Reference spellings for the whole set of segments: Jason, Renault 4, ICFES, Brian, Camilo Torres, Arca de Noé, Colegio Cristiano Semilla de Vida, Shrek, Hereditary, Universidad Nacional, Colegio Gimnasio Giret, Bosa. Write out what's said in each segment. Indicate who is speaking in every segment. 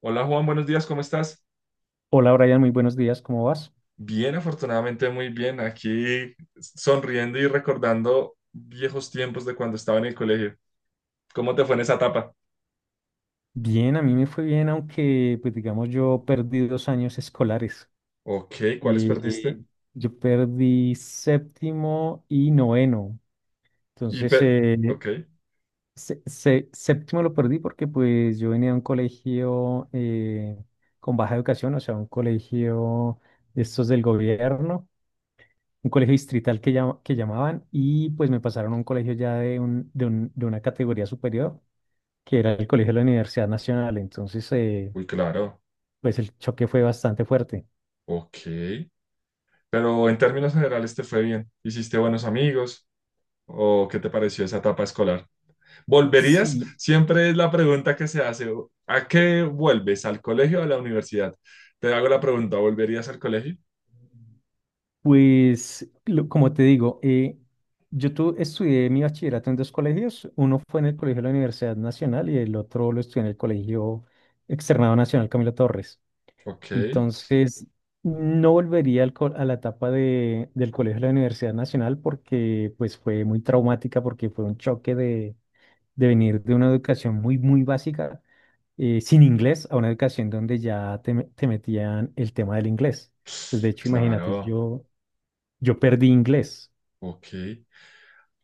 Speaker 1: Hola Juan, buenos días, ¿cómo estás?
Speaker 2: Hola Brian, muy buenos días, ¿cómo vas?
Speaker 1: Bien, afortunadamente muy bien, aquí sonriendo y recordando viejos tiempos de cuando estaba en el colegio. ¿Cómo te fue en esa etapa?
Speaker 2: Bien, a mí me fue bien, aunque pues digamos yo perdí 2 años escolares.
Speaker 1: Ok, ¿cuáles
Speaker 2: Y
Speaker 1: perdiste?
Speaker 2: yo perdí séptimo y noveno.
Speaker 1: Y
Speaker 2: Entonces,
Speaker 1: pe- ok,
Speaker 2: séptimo lo perdí porque pues yo venía de un colegio con baja educación, o sea, un colegio de estos del gobierno, un colegio distrital que, que llamaban y pues me pasaron a un colegio ya de una categoría superior que era el colegio de la Universidad Nacional. Entonces,
Speaker 1: uy, claro,
Speaker 2: pues el choque fue bastante fuerte.
Speaker 1: ok. Pero en términos generales te fue bien. ¿Hiciste buenos amigos? ¿O qué te pareció esa etapa escolar? ¿Volverías?
Speaker 2: Sí.
Speaker 1: Siempre es la pregunta que se hace. ¿A qué vuelves? ¿Al colegio o a la universidad? Te hago la pregunta, ¿volverías al colegio?
Speaker 2: Pues, como te digo, estudié mi bachillerato en dos colegios. Uno fue en el colegio de la Universidad Nacional y el otro lo estudié en el Colegio Externado Nacional Camilo Torres.
Speaker 1: Ok.
Speaker 2: Entonces, no volvería a la etapa del colegio de la Universidad Nacional, porque pues fue muy traumática, porque fue un choque de venir de una educación muy, muy básica, sin inglés, a una educación donde ya te metían el tema del inglés. Pues de hecho, imagínate,
Speaker 1: Claro,
Speaker 2: yo perdí inglés.
Speaker 1: ok.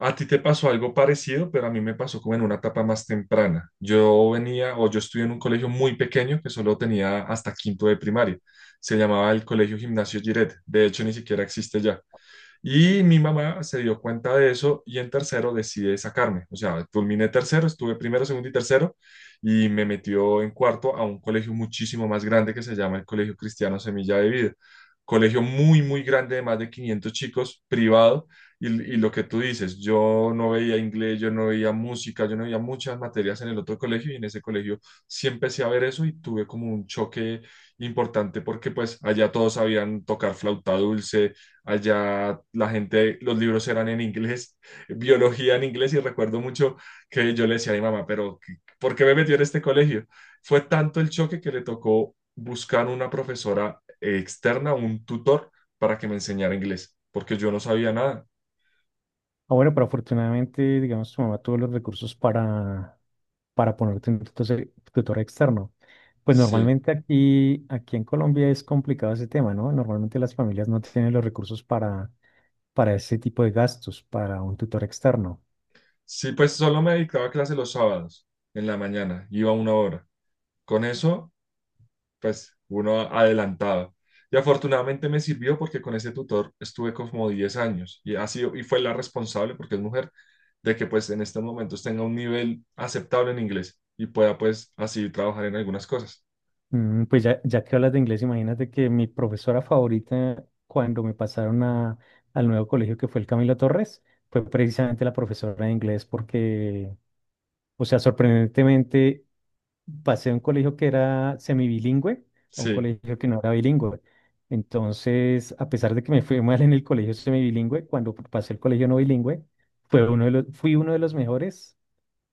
Speaker 1: A ti te pasó algo parecido, pero a mí me pasó como en una etapa más temprana. Yo venía o yo estudié en un colegio muy pequeño que solo tenía hasta quinto de primaria. Se llamaba el Colegio Gimnasio Giret. De hecho, ni siquiera existe ya. Y mi mamá se dio cuenta de eso y en tercero decide sacarme. O sea, culminé tercero, estuve primero, segundo y tercero y me metió en cuarto a un colegio muchísimo más grande que se llama el Colegio Cristiano Semilla de Vida. Colegio muy, muy grande de más de 500 chicos, privado. Y lo que tú dices, yo no veía inglés, yo no veía música, yo no veía muchas materias en el otro colegio y en ese colegio sí empecé a ver eso y tuve como un choque importante porque pues allá todos sabían tocar flauta dulce. Allá la gente, los libros eran en inglés, biología en inglés, y recuerdo mucho que yo le decía a mi mamá, pero ¿por qué me metió en este colegio? Fue tanto el choque que le tocó buscar una profesora externa, un tutor, para que me enseñara inglés, porque yo no sabía nada.
Speaker 2: Ah, bueno, pero afortunadamente, digamos, tu mamá tuvo los recursos para ponerte un tutor externo. Pues
Speaker 1: Sí,
Speaker 2: normalmente aquí en Colombia es complicado ese tema, ¿no? Normalmente las familias no tienen los recursos para ese tipo de gastos, para un tutor externo.
Speaker 1: sí, pues solo me dedicaba a clase los sábados, en la mañana, iba una hora. Con eso pues uno adelantado. Y afortunadamente me sirvió porque con ese tutor estuve como 10 años y, ha sido, y fue la responsable, porque es mujer, de que pues en estos momentos tenga un nivel aceptable en inglés y pueda pues así trabajar en algunas cosas.
Speaker 2: Pues ya que hablas de inglés, imagínate que mi profesora favorita cuando me pasaron al nuevo colegio que fue el Camilo Torres, fue precisamente la profesora de inglés, porque, o sea, sorprendentemente pasé a un colegio que era semibilingüe, a un
Speaker 1: Sí.
Speaker 2: colegio que no era bilingüe. Entonces, a pesar de que me fue mal en el colegio semibilingüe, cuando pasé el colegio no bilingüe, fue uno de los, fui uno de los mejores,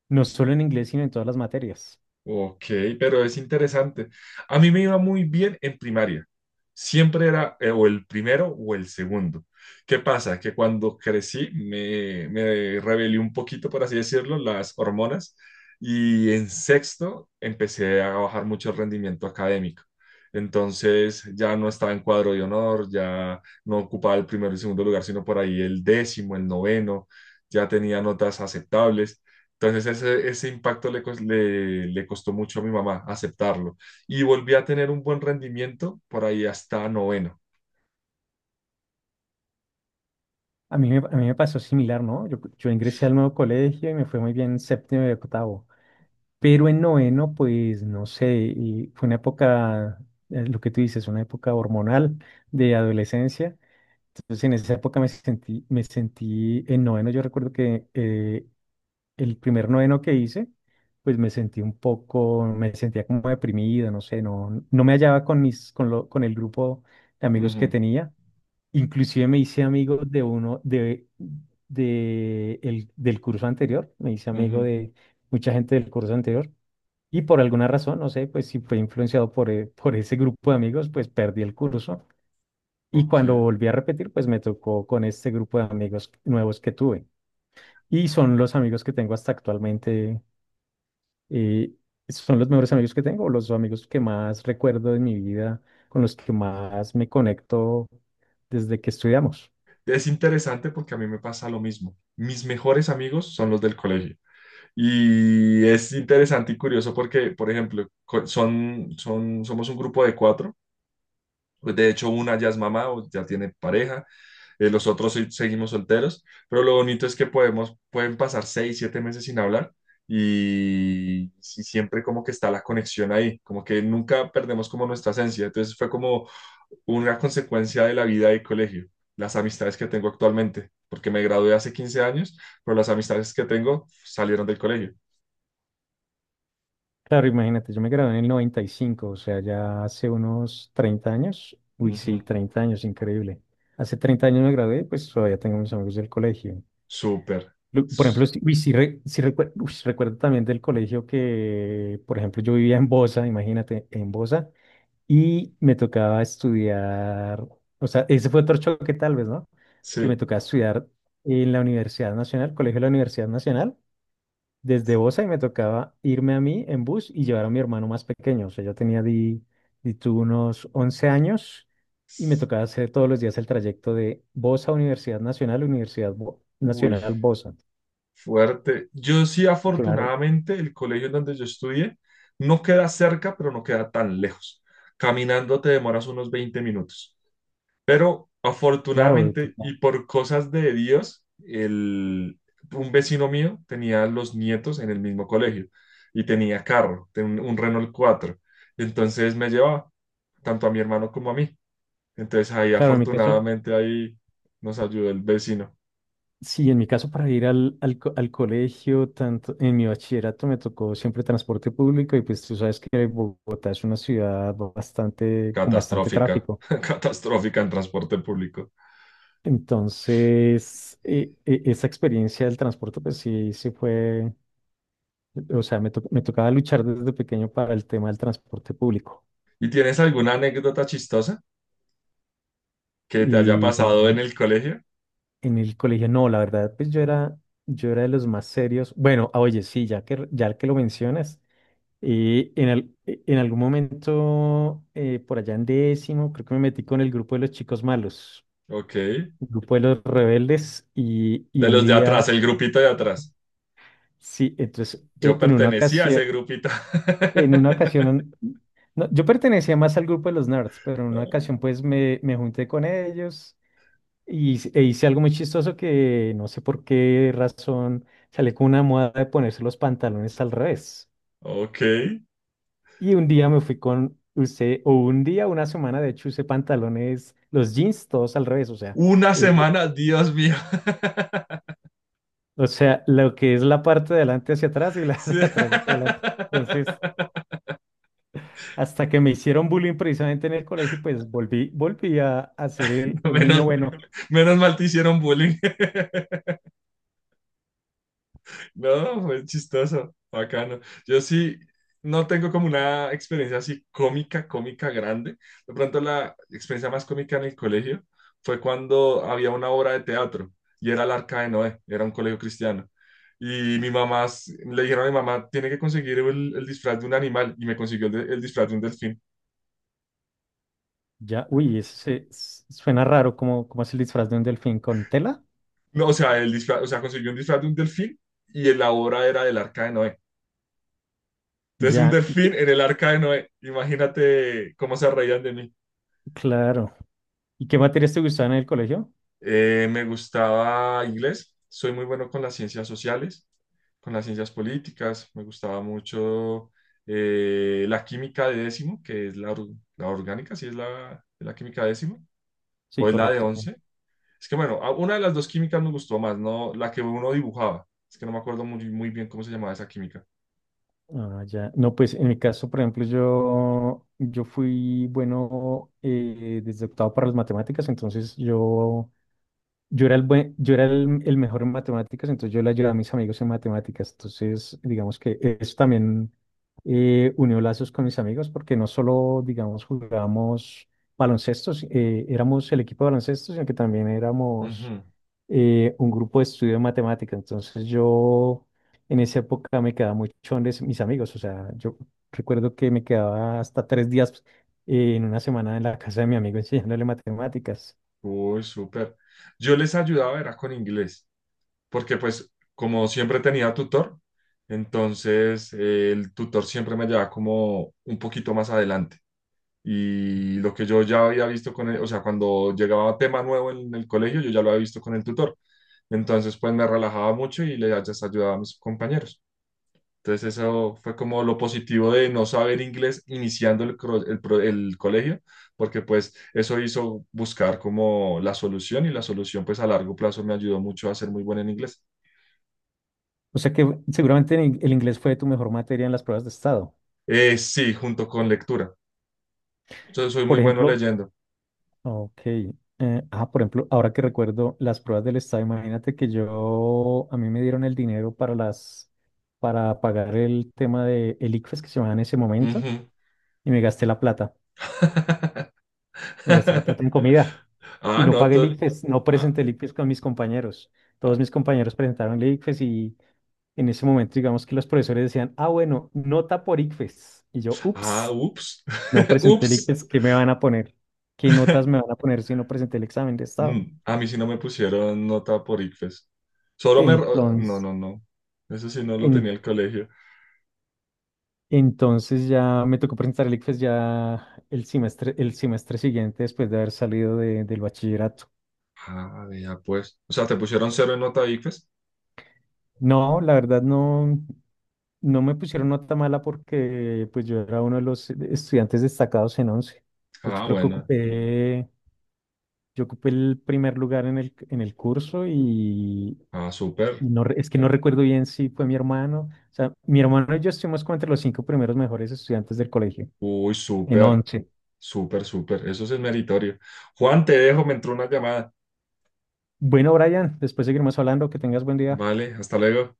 Speaker 2: no solo en inglés, sino en todas las materias.
Speaker 1: Ok, pero es interesante. A mí me iba muy bien en primaria. Siempre era o el primero o el segundo. ¿Qué pasa? Que cuando crecí me rebelé un poquito, por así decirlo, las hormonas y en sexto empecé a bajar mucho el rendimiento académico. Entonces ya no estaba en cuadro de honor, ya no ocupaba el primero y segundo lugar, sino por ahí el décimo, el noveno, ya tenía notas aceptables. Entonces ese impacto le costó mucho a mi mamá aceptarlo. Y volví a tener un buen rendimiento por ahí hasta noveno.
Speaker 2: A mí me pasó similar, ¿no? Yo ingresé al nuevo colegio y me fue muy bien en séptimo y octavo, pero en noveno, pues no sé, y fue una época, lo que tú dices, una época hormonal de adolescencia. Entonces, en esa época me sentí en noveno. Yo recuerdo que el primer noveno que hice, pues me sentí un poco, me sentía como deprimido, no sé, no me hallaba con mis, con lo, con el grupo de amigos que
Speaker 1: Ujú,
Speaker 2: tenía. Inclusive me hice amigo de uno de el, del curso anterior, me hice amigo
Speaker 1: ujú,
Speaker 2: de mucha gente del curso anterior y por alguna razón, no sé, pues si fue influenciado por ese grupo de amigos, pues perdí el curso, y cuando
Speaker 1: ok.
Speaker 2: volví a repetir, pues me tocó con este grupo de amigos nuevos que tuve, y son los amigos que tengo hasta actualmente. eh, Son los mejores amigos que tengo, los amigos que más recuerdo de mi vida, con los que más me conecto desde que estudiamos.
Speaker 1: Es interesante porque a mí me pasa lo mismo. Mis mejores amigos son los del colegio. Y es interesante y curioso porque, por ejemplo, somos un grupo de cuatro. Pues de hecho, una ya es mamá o ya tiene pareja, los otros seguimos solteros, pero lo bonito es que podemos, pueden pasar 6, 7 meses sin hablar y siempre como que está la conexión ahí, como que nunca perdemos como nuestra esencia. Entonces fue como una consecuencia de la vida de colegio, las amistades que tengo actualmente, porque me gradué hace 15 años, pero las amistades que tengo salieron del colegio.
Speaker 2: Claro, imagínate, yo me gradué en el 95, o sea, ya hace unos 30 años. Uy, sí,
Speaker 1: Ujú.
Speaker 2: 30 años, increíble. Hace 30 años me gradué. Pues todavía tengo mis amigos del colegio.
Speaker 1: Súper.
Speaker 2: Por
Speaker 1: S-
Speaker 2: ejemplo, sí- uy, sí, re- sí recuer- uy, sí recuerdo también del colegio que, por ejemplo, yo vivía en Bosa, imagínate, en Bosa, y me tocaba estudiar, o sea, ese fue otro choque tal vez, ¿no? Que me
Speaker 1: Sí.
Speaker 2: tocaba estudiar en la Universidad Nacional, Colegio de la Universidad Nacional, desde Bosa, y me tocaba irme a mí en bus y llevar a mi hermano más pequeño. O sea, yo tenía di tú unos 11 años, y me tocaba hacer todos los días el trayecto de Bosa, Universidad Nacional, Universidad
Speaker 1: Uy.
Speaker 2: Nacional Bosa.
Speaker 1: Fuerte. Yo sí,
Speaker 2: Claro,
Speaker 1: afortunadamente, el colegio en donde yo estudié no queda cerca, pero no queda tan lejos. Caminando te demoras unos 20 minutos. Pero
Speaker 2: claro,
Speaker 1: afortunadamente
Speaker 2: no.
Speaker 1: y por cosas de Dios, el, un vecino mío tenía los nietos en el mismo colegio y tenía carro, un Renault 4. Entonces me llevaba tanto a mi hermano como a mí. Entonces ahí
Speaker 2: Claro, en mi caso,
Speaker 1: afortunadamente ahí nos ayudó el vecino.
Speaker 2: sí, en mi caso, para ir al colegio, tanto en mi bachillerato me tocó siempre transporte público, y pues tú sabes que Bogotá es una ciudad bastante, con bastante
Speaker 1: Catastrófica,
Speaker 2: tráfico.
Speaker 1: catastrófica en transporte público.
Speaker 2: Entonces, esa experiencia del transporte, pues sí, sí fue, o sea, me tocaba luchar desde pequeño para el tema del transporte público.
Speaker 1: ¿Y tienes alguna anécdota chistosa que te haya
Speaker 2: Y en,
Speaker 1: pasado en el colegio?
Speaker 2: en el colegio, no, la verdad, pues yo era de los más serios. Bueno, ah, oye, sí, ya que lo mencionas, en algún momento, por allá en décimo, creo que me metí con el grupo de los chicos malos,
Speaker 1: Ok.
Speaker 2: el grupo de los rebeldes, y
Speaker 1: De
Speaker 2: un
Speaker 1: los de
Speaker 2: día,
Speaker 1: atrás, el grupito de atrás.
Speaker 2: sí, entonces,
Speaker 1: Yo
Speaker 2: en una
Speaker 1: pertenecía a ese
Speaker 2: ocasión.
Speaker 1: grupito.
Speaker 2: En una ocasión, no, yo pertenecía más al grupo de los nerds, pero en una ocasión pues me junté con ellos, y, hice algo muy chistoso que no sé por qué razón salí con una moda de ponerse los pantalones al revés.
Speaker 1: Ok.
Speaker 2: Y un día me fui con usted, o un día, una semana de hecho usé pantalones, los jeans todos al revés, o sea,
Speaker 1: Una
Speaker 2: eh,
Speaker 1: semana, Dios mío.
Speaker 2: lo que es la parte de adelante hacia atrás, y la
Speaker 1: Sí.
Speaker 2: de atrás hacia adelante. Entonces, hasta que me hicieron bullying precisamente en el colegio, y pues volví a ser el niño
Speaker 1: Menos,
Speaker 2: bueno.
Speaker 1: menos mal te hicieron bullying. No, fue chistoso, bacano. Yo sí no tengo como una experiencia así cómica, cómica grande. De pronto la experiencia más cómica en el colegio fue cuando había una obra de teatro y era el Arca de Noé, era un colegio cristiano. Y mi mamá, le dijeron a mi mamá, tiene que conseguir el disfraz de un animal y me consiguió el, el disfraz de un delfín.
Speaker 2: Ya, uy, eso suena raro, como es el disfraz de un delfín con tela.
Speaker 1: No, o sea, el disfraz, o sea, consiguió un disfraz de un delfín y en la obra era del Arca de Noé. Entonces un
Speaker 2: Ya,
Speaker 1: delfín en el Arca de Noé, imagínate cómo se reían de mí.
Speaker 2: claro. ¿Y qué materias te gustaban en el colegio?
Speaker 1: Me gustaba inglés, soy muy bueno con las ciencias sociales, con las ciencias políticas, me gustaba mucho la química de décimo, que es la, la orgánica, si es la, la química de décimo,
Speaker 2: Sí,
Speaker 1: o es la de
Speaker 2: correcto, sí.
Speaker 1: once. Es que bueno, una de las dos químicas me gustó más, no la que uno dibujaba, es que no me acuerdo muy, muy bien cómo se llamaba esa química.
Speaker 2: Ah, ya. No, pues en mi caso, por ejemplo, yo fui bueno desde octavo para las matemáticas. Entonces, yo era el, buen- yo era el mejor en matemáticas, entonces yo le ayudaba a mis amigos en matemáticas. Entonces, digamos que eso también unió lazos con mis amigos, porque no solo, digamos, jugábamos baloncestos, éramos el equipo de baloncesto, sino que también éramos
Speaker 1: Ujú.
Speaker 2: un grupo de estudio de matemáticas. Entonces, yo en esa época me quedaba mucho donde mis amigos. O sea, yo recuerdo que me quedaba hasta 3 días en una semana en la casa de mi amigo enseñándole matemáticas.
Speaker 1: Uy, súper. Yo les ayudaba, era con inglés. Porque pues como siempre tenía tutor, entonces el tutor siempre me llevaba como un poquito más adelante. Y lo que yo ya había visto con él, o sea, cuando llegaba tema nuevo en el colegio, yo ya lo había visto con el tutor. Entonces, pues me relajaba mucho y le just ayudaba a mis compañeros. Entonces, eso fue como lo positivo de no saber inglés iniciando el, el colegio, porque pues eso hizo buscar como la solución y la solución pues a largo plazo me ayudó mucho a ser muy bueno en inglés.
Speaker 2: O sea que seguramente el inglés fue tu mejor materia en las pruebas de estado.
Speaker 1: Sí, junto con lectura. Yo soy muy
Speaker 2: Por
Speaker 1: bueno
Speaker 2: ejemplo,
Speaker 1: leyendo.
Speaker 2: ok, por ejemplo, ahora que recuerdo las pruebas del estado, imagínate que a mí me dieron el dinero para pagar el tema de el ICFES, que se llamaba en ese momento,
Speaker 1: Ujú.
Speaker 2: y me gasté la plata. Me gasté la plata en comida y
Speaker 1: Ah,
Speaker 2: no
Speaker 1: no,
Speaker 2: pagué el ICFES, no
Speaker 1: ah,
Speaker 2: presenté el ICFES con mis compañeros. Todos
Speaker 1: ah,
Speaker 2: mis compañeros presentaron el ICFES, y en ese momento, digamos que los profesores decían, ah, bueno, nota por ICFES. Y yo,
Speaker 1: ah,
Speaker 2: ups.
Speaker 1: ups,
Speaker 2: No presenté el
Speaker 1: ups.
Speaker 2: ICFES, ¿qué me van a poner? ¿Qué notas me van a poner si no presenté el examen de estado?
Speaker 1: A mí sí no me pusieron nota por ICFES. Solo me... No,
Speaker 2: Entonces,
Speaker 1: no, no. Eso sí no lo tenía
Speaker 2: en-
Speaker 1: el colegio.
Speaker 2: entonces ya me tocó presentar el ICFES ya el semestre siguiente después de haber salido del bachillerato.
Speaker 1: Ah, ya pues. O sea, ¿te pusieron cero en nota ICFES?
Speaker 2: No, la verdad no, me pusieron nota mala, porque pues yo era uno de los estudiantes destacados en 11. De hecho,
Speaker 1: Ah, bueno.
Speaker 2: yo ocupé el primer lugar en el curso. Y
Speaker 1: Ah, súper.
Speaker 2: Y es que no recuerdo bien si fue mi hermano. O sea, mi hermano y yo estuvimos como entre los cinco primeros mejores estudiantes del colegio,
Speaker 1: Uy,
Speaker 2: en
Speaker 1: súper.
Speaker 2: once.
Speaker 1: Súper, súper. Eso sí es meritorio. Juan, te dejo, me entró una llamada.
Speaker 2: Bueno, Brian, después seguiremos hablando. Que tengas buen día.
Speaker 1: Vale, hasta luego.